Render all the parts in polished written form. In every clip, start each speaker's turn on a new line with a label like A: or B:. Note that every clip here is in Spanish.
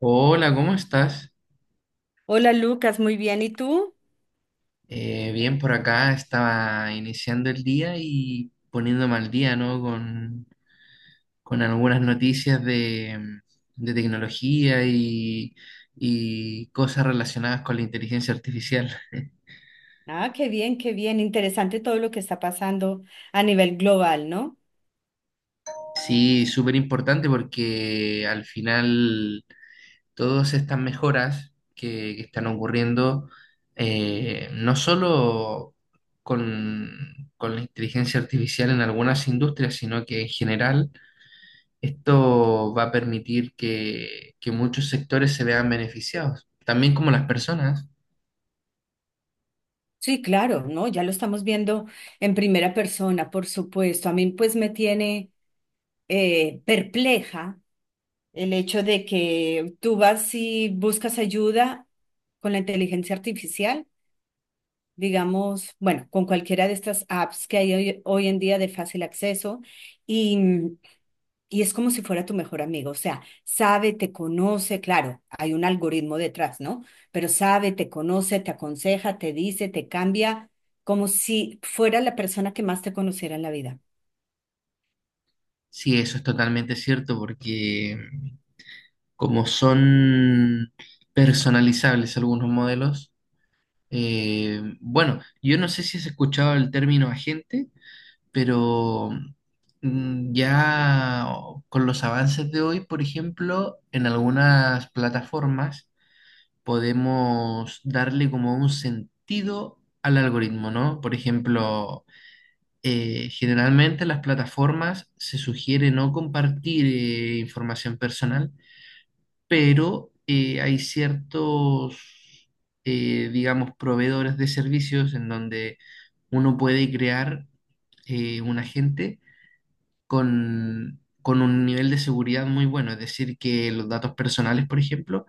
A: Hola, ¿cómo estás?
B: Hola Lucas, muy bien. ¿Y tú?
A: Bien, por acá estaba iniciando el día y poniéndome al día, ¿no? Con algunas noticias de tecnología y cosas relacionadas con la inteligencia artificial.
B: Ah, qué bien, qué bien. Interesante todo lo que está pasando a nivel global, ¿no?
A: Sí, súper importante porque al final todas estas mejoras que están ocurriendo, no solo con la inteligencia artificial en algunas industrias, sino que en general esto va a permitir que muchos sectores se vean beneficiados, también como las personas.
B: Sí, claro, ¿no? Ya lo estamos viendo en primera persona, por supuesto. A mí pues me tiene perpleja el hecho de que tú vas y buscas ayuda con la inteligencia artificial, digamos, bueno, con cualquiera de estas apps que hay hoy en día de fácil acceso y. Y es como si fuera tu mejor amigo, o sea, sabe, te conoce, claro, hay un algoritmo detrás, ¿no? Pero sabe, te conoce, te aconseja, te dice, te cambia, como si fuera la persona que más te conociera en la vida.
A: Sí, eso es totalmente cierto, porque, como son personalizables algunos modelos, bueno, yo no sé si has escuchado el término agente. Pero, ya con los avances de hoy, por ejemplo, en algunas plataformas podemos darle como un sentido al algoritmo, ¿no? Por ejemplo, generalmente las plataformas se sugiere no compartir información personal, pero hay ciertos, digamos, proveedores de servicios en donde uno puede crear un agente con un nivel de seguridad muy bueno. Es decir, que los datos personales, por ejemplo,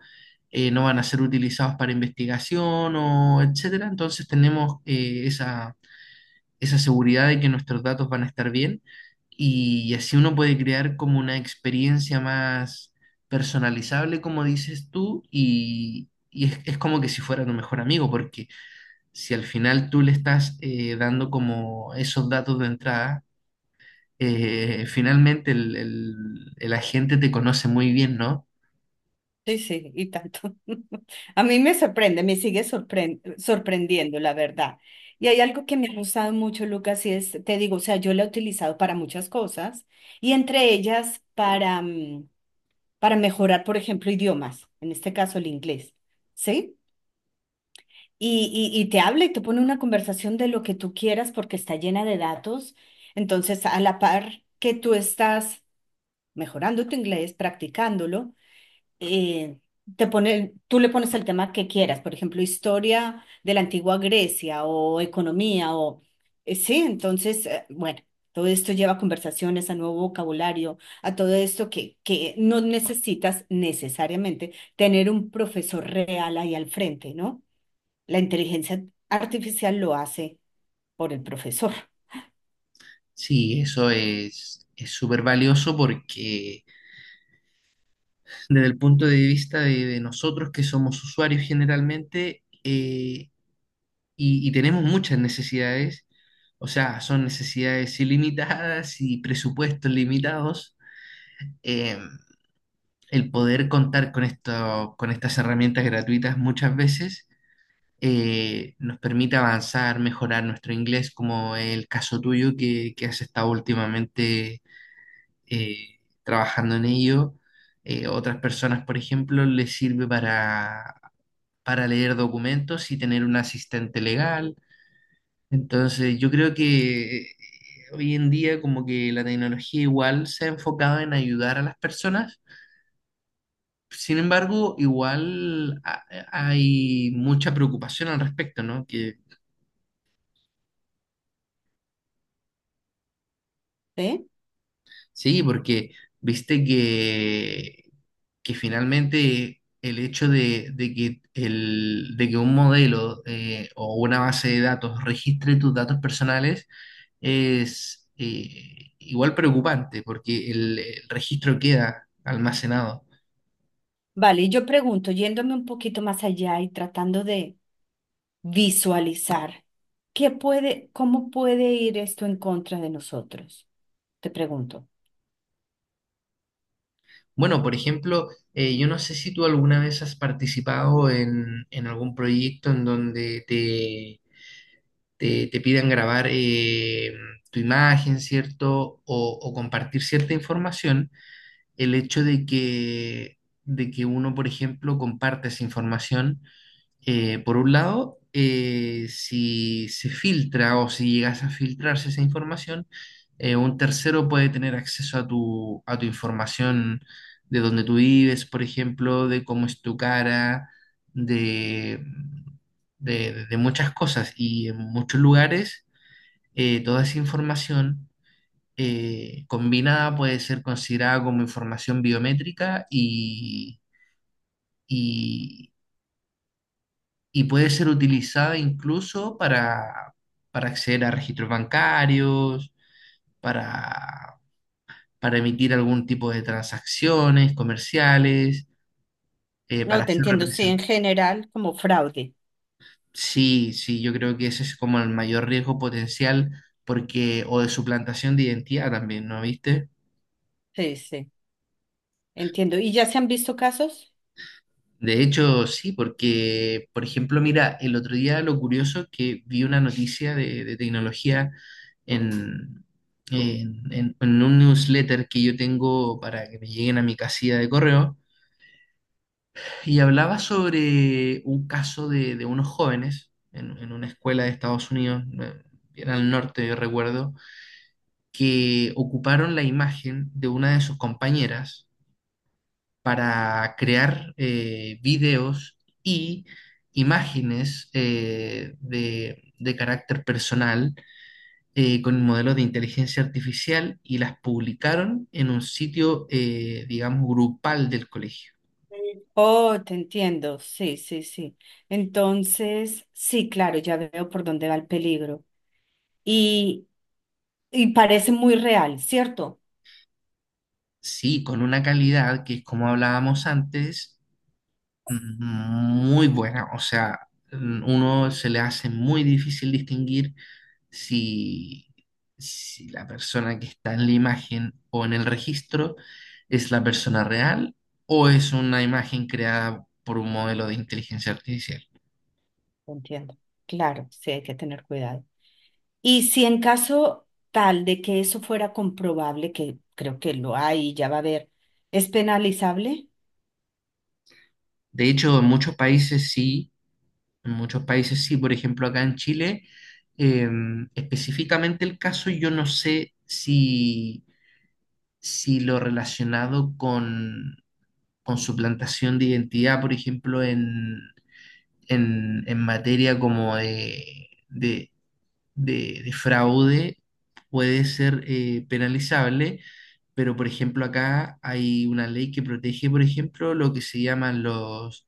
A: no van a ser utilizados para investigación o etcétera. Entonces tenemos, esa seguridad de que nuestros datos van a estar bien y así uno puede crear como una experiencia más personalizable, como dices tú, y, es como que si fuera tu mejor amigo, porque si al final tú le estás, dando como esos datos de entrada, finalmente el agente te conoce muy bien, ¿no?
B: Sí, sí, y tanto. A mí me sorprende, me sorprendiendo, la verdad. Y hay algo que me ha gustado mucho, Lucas, y es, te digo, o sea, yo la he utilizado para muchas cosas y entre ellas para, para mejorar, por ejemplo, idiomas, en este caso el inglés, ¿sí? Y te habla y te pone una conversación de lo que tú quieras porque está llena de datos. Entonces, a la par que tú estás mejorando tu inglés, practicándolo, eh, te pone, tú le pones el tema que quieras, por ejemplo, historia de la antigua Grecia o economía o... sí, entonces, bueno. Todo esto lleva a conversaciones, a nuevo vocabulario, a todo esto que no necesitas necesariamente tener un profesor real ahí al frente, ¿no? La inteligencia artificial lo hace por el profesor,
A: Sí, eso es súper valioso porque desde el punto de vista de nosotros que somos usuarios generalmente, y tenemos muchas necesidades, o sea, son necesidades ilimitadas y presupuestos limitados, eh, el poder contar con esto, con estas herramientas gratuitas muchas veces nos permite avanzar, mejorar nuestro inglés, como el caso tuyo que has estado últimamente, eh, trabajando en ello. Otras personas, por ejemplo, les sirve para leer documentos y tener un asistente legal. Entonces, yo creo que, hoy en día como que la tecnología igual se ha enfocado en ayudar a las personas. Sin embargo, igual hay mucha preocupación al respecto, ¿no? Que...
B: ¿sí?
A: Sí, porque viste que finalmente el hecho de que, de que un modelo, o una base de datos registre tus datos personales es, igual preocupante porque el registro queda almacenado.
B: Vale, y yo pregunto, yéndome un poquito más allá y tratando de visualizar, ¿qué puede, cómo puede ir esto en contra de nosotros? Te pregunto.
A: Bueno, por ejemplo, yo no sé si tú alguna vez has participado en algún proyecto en donde te pidan grabar, tu imagen, ¿cierto? O compartir cierta información, el hecho de que uno, por ejemplo, comparte esa información, por un lado, si se filtra o si llegas a filtrarse esa información, un tercero puede tener acceso a tu información de dónde tú vives, por ejemplo, de cómo es tu cara, de, de muchas cosas. Y en muchos lugares, toda esa información, combinada puede ser considerada como información biométrica y puede ser utilizada incluso para acceder a registros bancarios, para, para emitir algún tipo de transacciones comerciales,
B: No,
A: para
B: te
A: ser
B: entiendo, sí, en
A: representados.
B: general, como fraude.
A: Sí, sí, yo creo que ese es como el mayor riesgo potencial porque, o de suplantación de identidad también, ¿no viste?
B: Sí, sí, entiendo. ¿Y ya se han visto casos?
A: De hecho, sí, porque, por ejemplo, mira, el otro día lo curioso que vi una noticia de tecnología en, en un newsletter que yo tengo para que me lleguen a mi casilla de correo, y hablaba sobre un caso de unos jóvenes en una escuela de Estados Unidos, bien al norte, yo recuerdo, que ocuparon la imagen de una de sus compañeras para crear, videos y imágenes, de carácter personal, con modelos de inteligencia artificial y las publicaron en un sitio, digamos, grupal del colegio.
B: Oh, te entiendo, sí, sí, sí. Entonces, sí, claro, ya veo por dónde va el peligro. Y, y parece muy real, ¿cierto?
A: Sí, con una calidad que es como hablábamos antes, mm, muy buena, o sea, mm, uno se le hace muy difícil distinguir si, si la persona que está en la imagen o en el registro es la persona real o es una imagen creada por un modelo de inteligencia artificial.
B: Entiendo. Claro, sí hay que tener cuidado. Y si en caso tal de que eso fuera comprobable, que creo que lo hay y ya va a haber, ¿es penalizable?
A: De hecho, en muchos países sí, en muchos países sí, por ejemplo, acá en Chile, eh, específicamente el caso, yo no sé si, si lo relacionado con su plantación de identidad, por ejemplo, en materia como de de fraude, puede ser, penalizable, pero por ejemplo acá hay una ley que protege, por ejemplo, lo que se llaman los,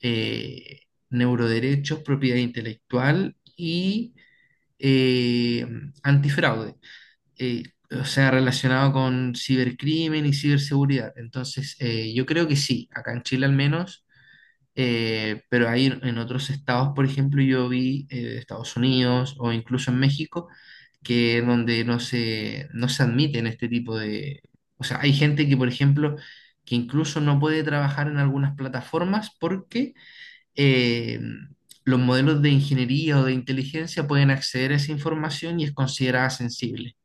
A: eh, neuroderechos, propiedad intelectual y, eh, antifraude. Eh, o sea, relacionado con cibercrimen y ciberseguridad. Entonces, yo creo que sí, acá en Chile al menos, pero ahí en otros estados, por ejemplo, yo vi, Estados Unidos o incluso en México, que donde no se admiten este tipo de... O sea, hay gente que, por ejemplo, que incluso no puede trabajar en algunas plataformas porque, eh, los modelos de ingeniería o de inteligencia pueden acceder a esa información y es considerada sensible.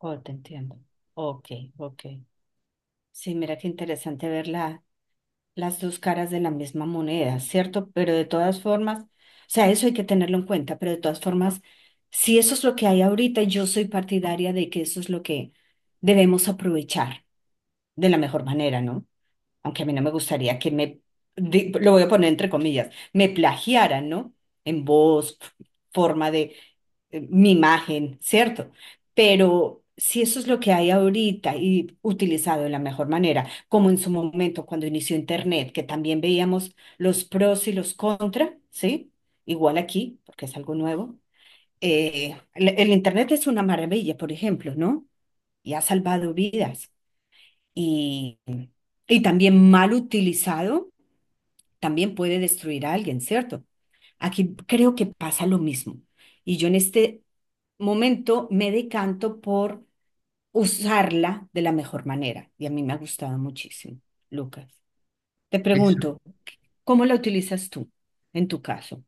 B: Oh, te entiendo. Ok, ok. Sí, mira qué interesante ver la, las dos caras de la misma moneda, ¿cierto? Pero de todas formas, o sea, eso hay que tenerlo en cuenta, pero de todas formas, si eso es lo que hay ahorita, yo soy partidaria de que eso es lo que debemos aprovechar de la mejor manera, ¿no? Aunque a mí no me gustaría que me, di- lo voy a poner entre comillas, me plagiaran, ¿no? En voz, f- forma de mi imagen, ¿cierto? Pero si eso es lo que hay ahorita y utilizado de la mejor manera, como en su momento cuando inició Internet, que también veíamos los pros y los contra, ¿sí? Igual aquí, porque es algo nuevo. El Internet es una maravilla, por ejemplo, ¿no? Y ha salvado vidas y, y también mal utilizado, también puede destruir a alguien, ¿cierto? Aquí creo que pasa lo mismo. Y yo en este momento me decanto por usarla de la mejor manera. Y a mí me ha gustado muchísimo, Lucas. Te
A: Eso,
B: pregunto, ¿cómo la utilizas tú en tu caso?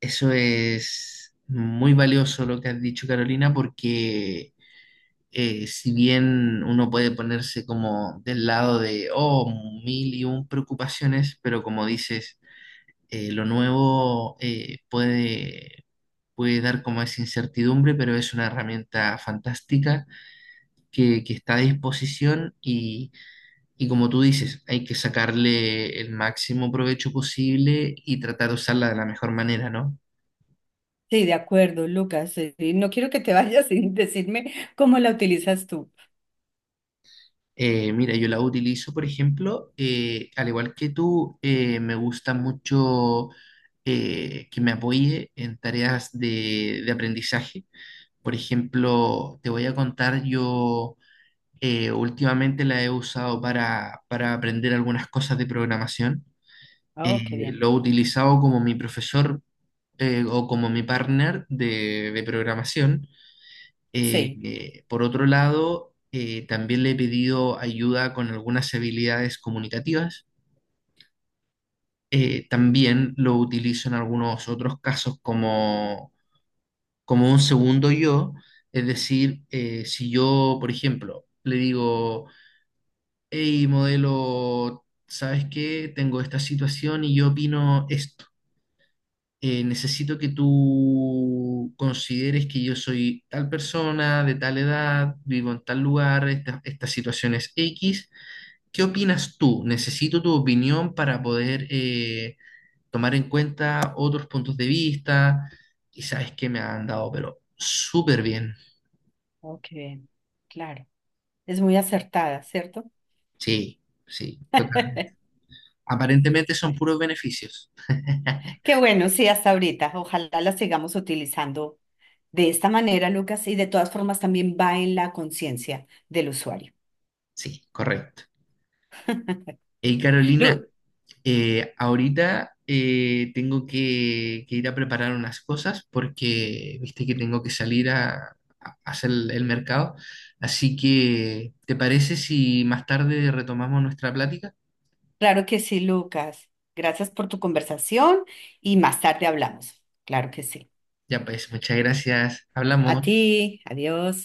A: eso es muy valioso lo que has dicho, Carolina, porque, si bien uno puede ponerse como del lado de, oh, mil y un preocupaciones, pero como dices, lo nuevo, puede dar como esa incertidumbre, pero es una herramienta fantástica que está a disposición y como tú dices, hay que sacarle el máximo provecho posible y tratar de usarla de la mejor manera, ¿no?
B: Sí, de acuerdo, Lucas. No quiero que te vayas sin decirme cómo la utilizas tú.
A: Mira, yo la utilizo, por ejemplo, al igual que tú, me gusta mucho que me apoye en tareas de aprendizaje. Por ejemplo, te voy a contar, yo, últimamente la he usado para aprender algunas cosas de programación.
B: Oh, qué bien.
A: Lo he utilizado como mi profesor, o como mi partner de programación.
B: Sí,
A: Por otro lado, también le he pedido ayuda con algunas habilidades comunicativas. También lo utilizo en algunos otros casos como, como un segundo yo. Es decir, si yo, por ejemplo, le digo, hey, modelo, ¿sabes qué? Tengo esta situación y yo opino esto, necesito que tú consideres que yo soy tal persona, de tal edad, vivo en tal lugar, esta situación es X. ¿Qué opinas tú? Necesito tu opinión para poder, tomar en cuenta otros puntos de vista. Y sabes que me han dado, pero súper bien.
B: oh, qué bien. Claro. Es muy acertada, ¿cierto?
A: Sí, sí, total. Aparentemente son puros beneficios.
B: Qué bueno, sí, hasta ahorita. Ojalá la sigamos utilizando de esta manera, Lucas, y de todas formas también va en la conciencia del usuario.
A: Sí, correcto. Hey, Carolina.
B: Lu-
A: Ahorita, tengo que ir a preparar unas cosas porque viste que tengo que salir a hacer el mercado. Así que, ¿te parece si más tarde retomamos nuestra plática?
B: claro que sí, Lucas. Gracias por tu conversación y más tarde hablamos. Claro que sí.
A: Ya pues, muchas gracias.
B: A
A: Hablamos.
B: ti, adiós.